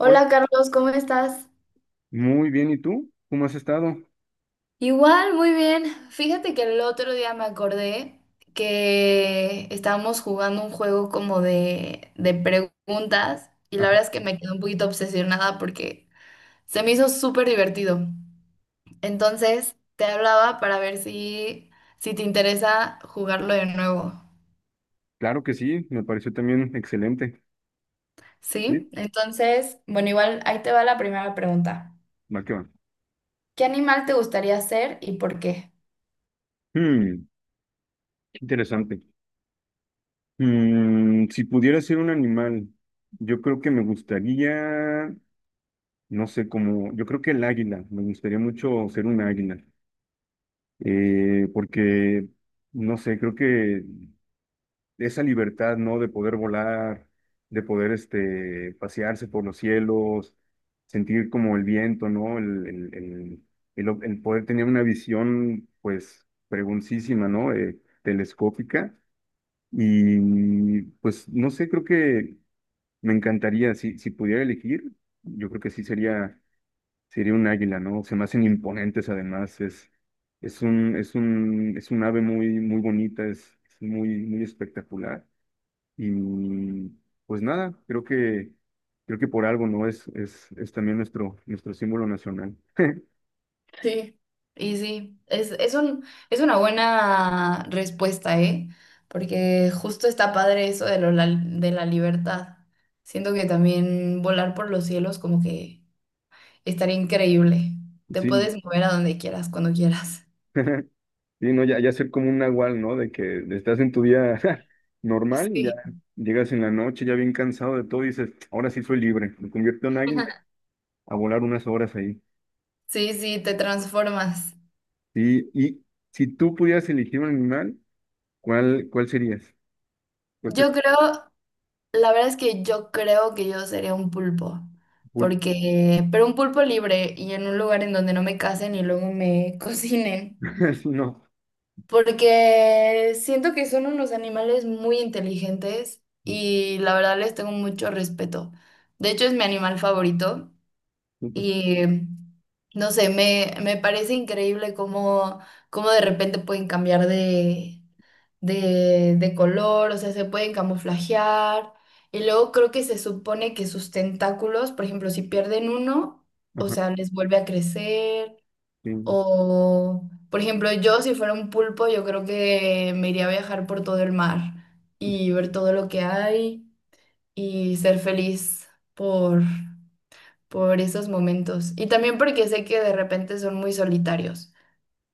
Hola. Carlos, ¿cómo estás? Muy bien, ¿y tú? ¿Cómo has estado? Igual, muy bien. Fíjate que el otro día me acordé que estábamos jugando un juego como de preguntas y la Ah, verdad es que me quedé un poquito obsesionada porque se me hizo súper divertido. Entonces, te hablaba para ver si te interesa jugarlo de nuevo. claro que sí, me pareció también excelente. Sí, ¿Sí? Entonces, bueno, igual ahí te va la primera pregunta. va que va. ¿Qué animal te gustaría ser y por qué? Hmm, Qué interesante. Si pudiera ser un animal, yo creo que me gustaría, no sé, como, yo creo que el águila, me gustaría mucho ser un águila. Porque, no sé, creo que esa libertad, ¿no? De poder volar, de poder, este, pasearse por los cielos, sentir como el viento, ¿no? El poder tener una visión, pues, preguntísima, ¿no? Telescópica. Y, pues, no sé, creo que me encantaría, si pudiera elegir, yo creo que sí sería un águila, ¿no? Se me hacen imponentes, además, es un ave muy, muy bonita, es muy, muy espectacular. Y pues nada, creo que por algo, ¿no? Es también nuestro símbolo nacional. Sí, y sí, es una buena respuesta, ¿eh? Porque justo está padre eso de la libertad. Siento que también volar por los cielos como que estaría increíble. Te Sí, puedes mover a donde quieras, cuando quieras. sí, no, ya, ya ser como un nahual, ¿no? De que estás en tu día normal y ya Sí. llegas en la noche ya bien cansado de todo y dices, ahora sí soy libre, me convierto en águila a volar unas horas ahí. Sí, sí, te transformas. Sí, y si tú pudieras elegir un animal, ¿cuál serías? ¿Cuál te? Yo creo, la verdad es que yo creo que yo sería un pulpo, porque, pero un pulpo libre y en un lugar en donde no me casen y luego me cocinen. Sí, no. Porque siento que son unos animales muy inteligentes y la verdad les tengo mucho respeto. De hecho, es mi animal favorito y no sé, me parece increíble cómo, cómo de repente pueden cambiar de color, o sea, se pueden camuflajear. Y luego creo que se supone que sus tentáculos, por ejemplo, si pierden uno, o Ajá, sea, les vuelve a crecer. sí. O, por ejemplo, yo si fuera un pulpo, yo creo que me iría a viajar por todo el mar y ver todo lo que hay y ser feliz por, por esos momentos. Y también porque sé que de repente son muy solitarios.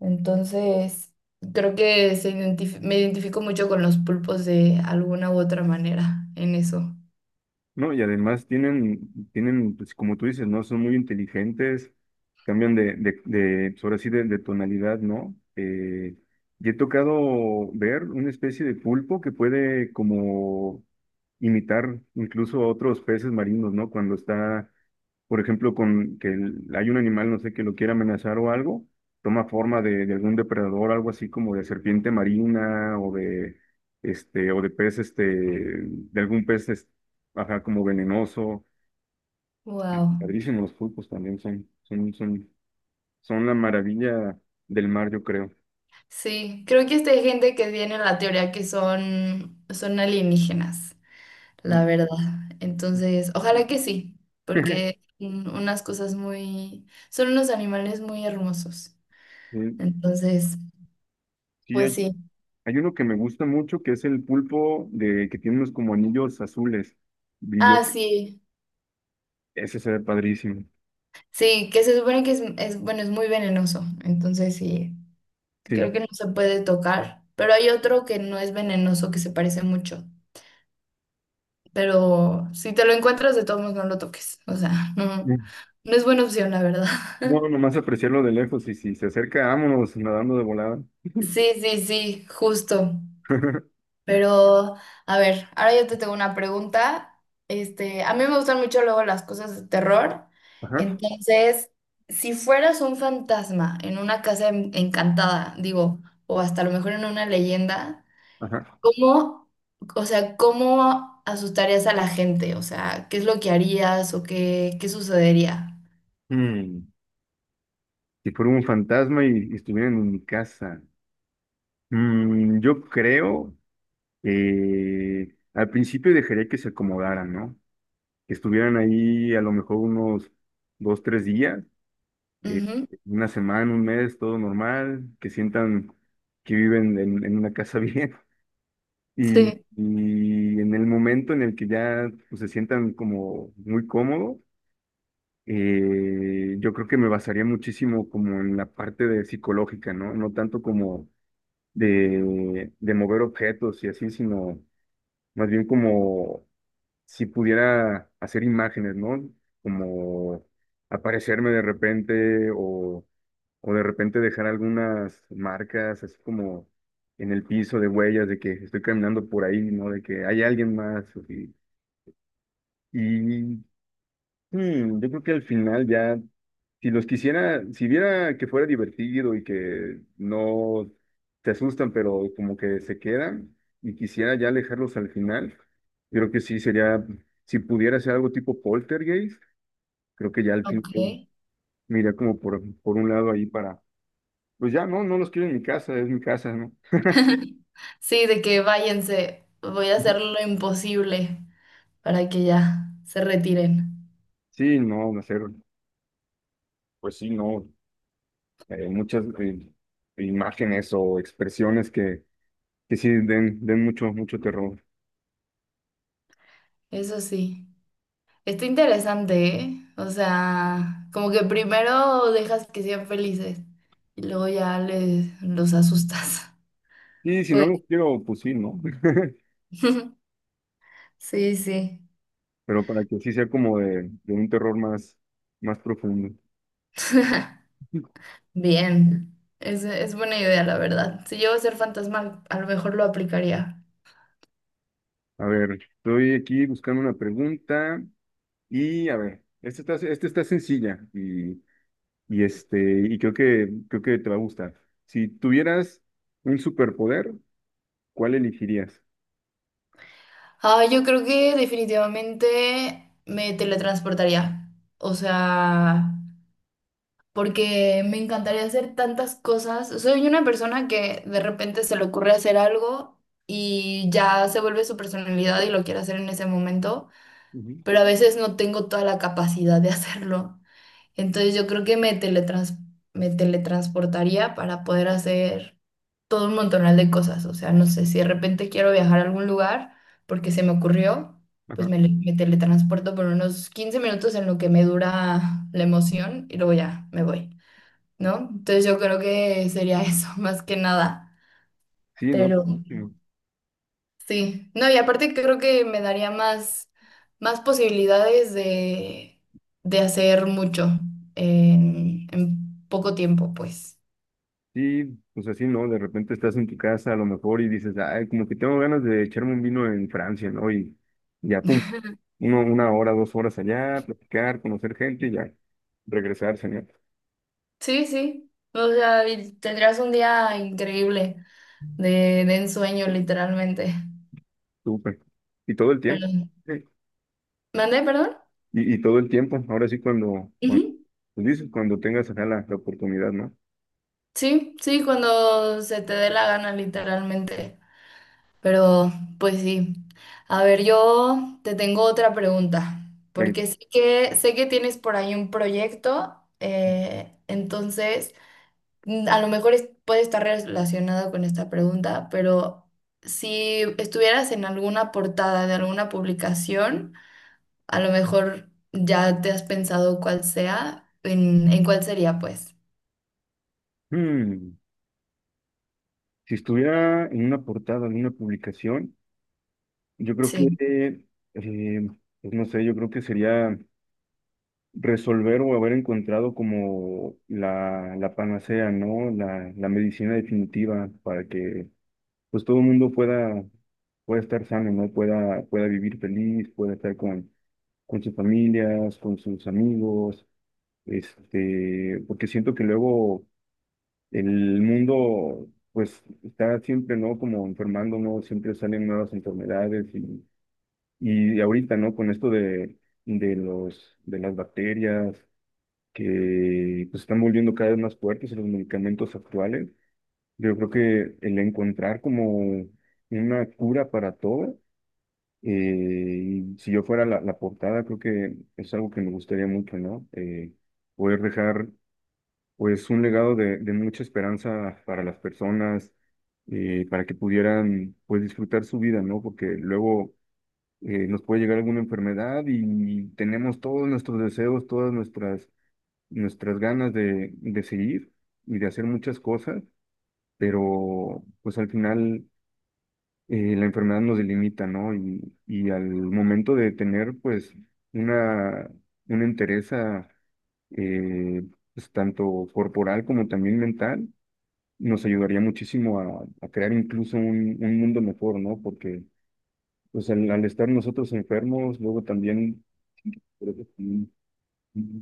Entonces, creo que me identifico mucho con los pulpos de alguna u otra manera en eso. No, y además tienen, pues como tú dices, ¿no? Son muy inteligentes, cambian de pues, ahora sí, de tonalidad, ¿no? Y he tocado ver una especie de pulpo que puede como imitar incluso a otros peces marinos, ¿no? Cuando está, por ejemplo, hay un animal, no sé, que lo quiere amenazar o algo, toma forma de algún depredador, algo así como de serpiente marina o de, este, o de pez, este, de algún pez, ajá, como venenoso. Wow. Padrísimo, los pulpos también son la maravilla del mar, yo creo. Sí, creo que esta hay gente que tiene la teoría que son alienígenas. La Uy. verdad. Entonces, ojalá que sí, porque son unas cosas muy, son unos animales muy hermosos. Sí, Entonces, sí, pues hay, sí. hay uno que me gusta mucho, que es el pulpo de que tiene unos como anillos azules, brillo. Ah, sí, Ese se ve padrísimo. sí, que se supone que bueno, es muy venenoso. Entonces, sí, Sí. creo que no se puede tocar, pero hay otro que no es venenoso, que se parece mucho. Pero si te lo encuentras, de todos modos no lo toques. O sea, no, no es buena opción, la verdad. No, nomás apreciarlo de lejos, y si se acerca, vámonos nadando de volada. Sí, sí, sí, justo. Pero, a ver, ahora yo te tengo una pregunta. Este, a mí me gustan mucho luego las cosas de terror. Ajá, Entonces, si fueras un fantasma en una encantada, digo, o hasta a lo mejor en una leyenda, ajá. ¿cómo, o sea, cómo asustarías a la gente? O sea, ¿qué es lo que harías o qué, qué sucedería? Mm, Si fuera un fantasma y estuvieran en mi casa. Yo creo que al principio dejaría que se acomodaran, ¿no? Que estuvieran ahí a lo mejor unos dos, tres días, eh, Ujú, una semana, un mes, todo normal, que sientan que viven en una casa bien. Y, sí, y en el momento en el que ya, pues, se sientan como muy cómodos, yo creo que me basaría muchísimo como en la parte de psicológica, ¿no? No tanto como de mover objetos y así, sino más bien como si pudiera hacer imágenes, ¿no? Como aparecerme de repente o de repente dejar algunas marcas así como en el piso, de huellas de que estoy caminando por ahí, ¿no? De que hay alguien más. Y, yo creo que al final ya, si los quisiera, si viera que fuera divertido y que no te asustan, pero como que se quedan y quisiera ya alejarlos al final, yo creo que sí sería, si pudiera hacer algo tipo poltergeist, creo que ya al ok. final mira como por un lado ahí, pues ya no, no los quiero en mi casa, es mi casa, ¿no? Sí, de que váyanse, voy a hacer lo imposible para que ya se retiren. Sí, no, hacer, pues sí, no, muchas imágenes o expresiones que sí den mucho, mucho terror. Eso sí, está interesante, ¿eh? O sea, como que primero dejas que sean felices y luego ya les los asustas. Y si no lo Pues quiero, pues sí, ¿no? sí, sí, Pero para que sí sea como de un terror más, más profundo. bien. Es buena idea, la verdad. Si yo a ser fantasma, a lo mejor lo aplicaría. A ver, estoy aquí buscando una pregunta, y a ver, esta está sencilla y, este, y creo que te va a gustar. Si tuvieras un superpoder, ¿cuál elegirías? Ah, yo creo que definitivamente me teletransportaría. O sea, porque me encantaría hacer tantas cosas. Soy una persona que de repente se le ocurre hacer algo y ya se vuelve su personalidad y lo quiere hacer en ese momento, Ujú. pero a veces no tengo toda la capacidad de hacerlo. Entonces yo creo que me teletransportaría para poder hacer todo un montonal de cosas. O sea, no sé, si de repente quiero viajar a algún lugar porque se me ocurrió. Pues Ajá. Me teletransporto por unos 15 minutos en lo que me dura la emoción y luego ya me voy. ¿No? Entonces yo creo que sería eso, más que nada. Sí, ¿no? Pero Mm, sí, no, y aparte creo que me daría más posibilidades de hacer mucho en poco tiempo, pues. Sí, pues así, ¿no? De repente estás en tu casa a lo mejor y dices, ay, como que tengo ganas de echarme un vino en Francia, ¿no? Y ya, pum, uno, una hora, dos horas allá, platicar, conocer gente y ya, regresar, señor. Sí, sí. O sea, y tendrías un día increíble de ensueño, literalmente. Súper. Y todo el tiempo. Pero, Sí. ¿mandé, perdón? Y todo el tiempo, ahora sí cuando, cuando, Ujú. pues dices, cuando tengas acá la, la oportunidad, ¿no? Sí, sí, cuando se te dé la gana, literalmente. Pero, pues sí. A ver, yo te tengo otra pregunta, Ven. porque sé que tienes por ahí un proyecto, entonces mm, a lo mejor puede estar relacionado con esta pregunta, pero si estuvieras en alguna portada de alguna publicación, a lo mejor ya te has pensado cuál sea, en cuál sería, pues. Hmm. Si estuviera en una portada, en una publicación, yo creo Sí. que, eh, pues no sé, yo creo que sería resolver o haber encontrado como la panacea, ¿no? La medicina definitiva para que pues todo el mundo pueda, pueda estar sano, ¿no? Pueda vivir feliz, pueda estar con sus familias, con sus amigos, este, porque siento que luego el mundo pues está siempre, ¿no? Como enfermando, ¿no? Siempre salen nuevas enfermedades y ahorita, ¿no? Con esto de las bacterias que, pues, están volviendo cada vez más fuertes en los medicamentos actuales, yo creo que el encontrar como una cura para todo, y si yo fuera la portada, creo que es algo que me gustaría mucho, ¿no? Poder dejar pues un legado de mucha esperanza para las personas, para que pudieran, pues, disfrutar su vida, ¿no? Porque luego nos puede llegar alguna enfermedad y tenemos todos nuestros deseos, todas nuestras ganas de seguir y de hacer muchas cosas, pero pues al final la enfermedad nos delimita, ¿no? Y al momento de tener, pues, una, una entereza, eh, pues, tanto corporal como también mental, nos ayudaría muchísimo a crear incluso un mundo mejor, ¿no? Porque pues al estar nosotros enfermos, luego también. Creo que sí.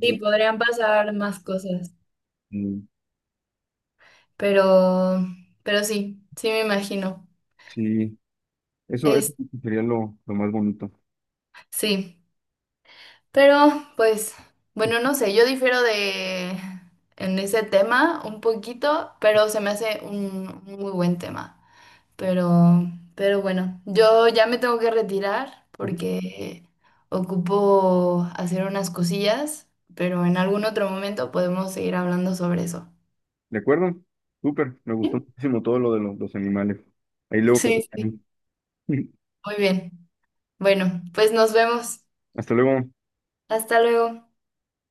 Sí, podrían pasar más cosas, Sí, pero, pero sí, sí me imagino. sí. Eso sí sería lo más bonito. Sí, pero pues, bueno, no sé, yo difiero de en ese tema un poquito, pero se me hace un muy buen tema. Pero, pero bueno, yo ya me tengo que retirar Ujú. porque ocupo hacer unas cosillas, pero en algún otro momento podemos seguir hablando sobre eso. ¿De acuerdo? Súper, me gustó muchísimo todo lo de los animales. Ahí luego Sí, platicamos. sí, muy bien. Bueno, pues nos vemos. Hasta luego. Hasta luego.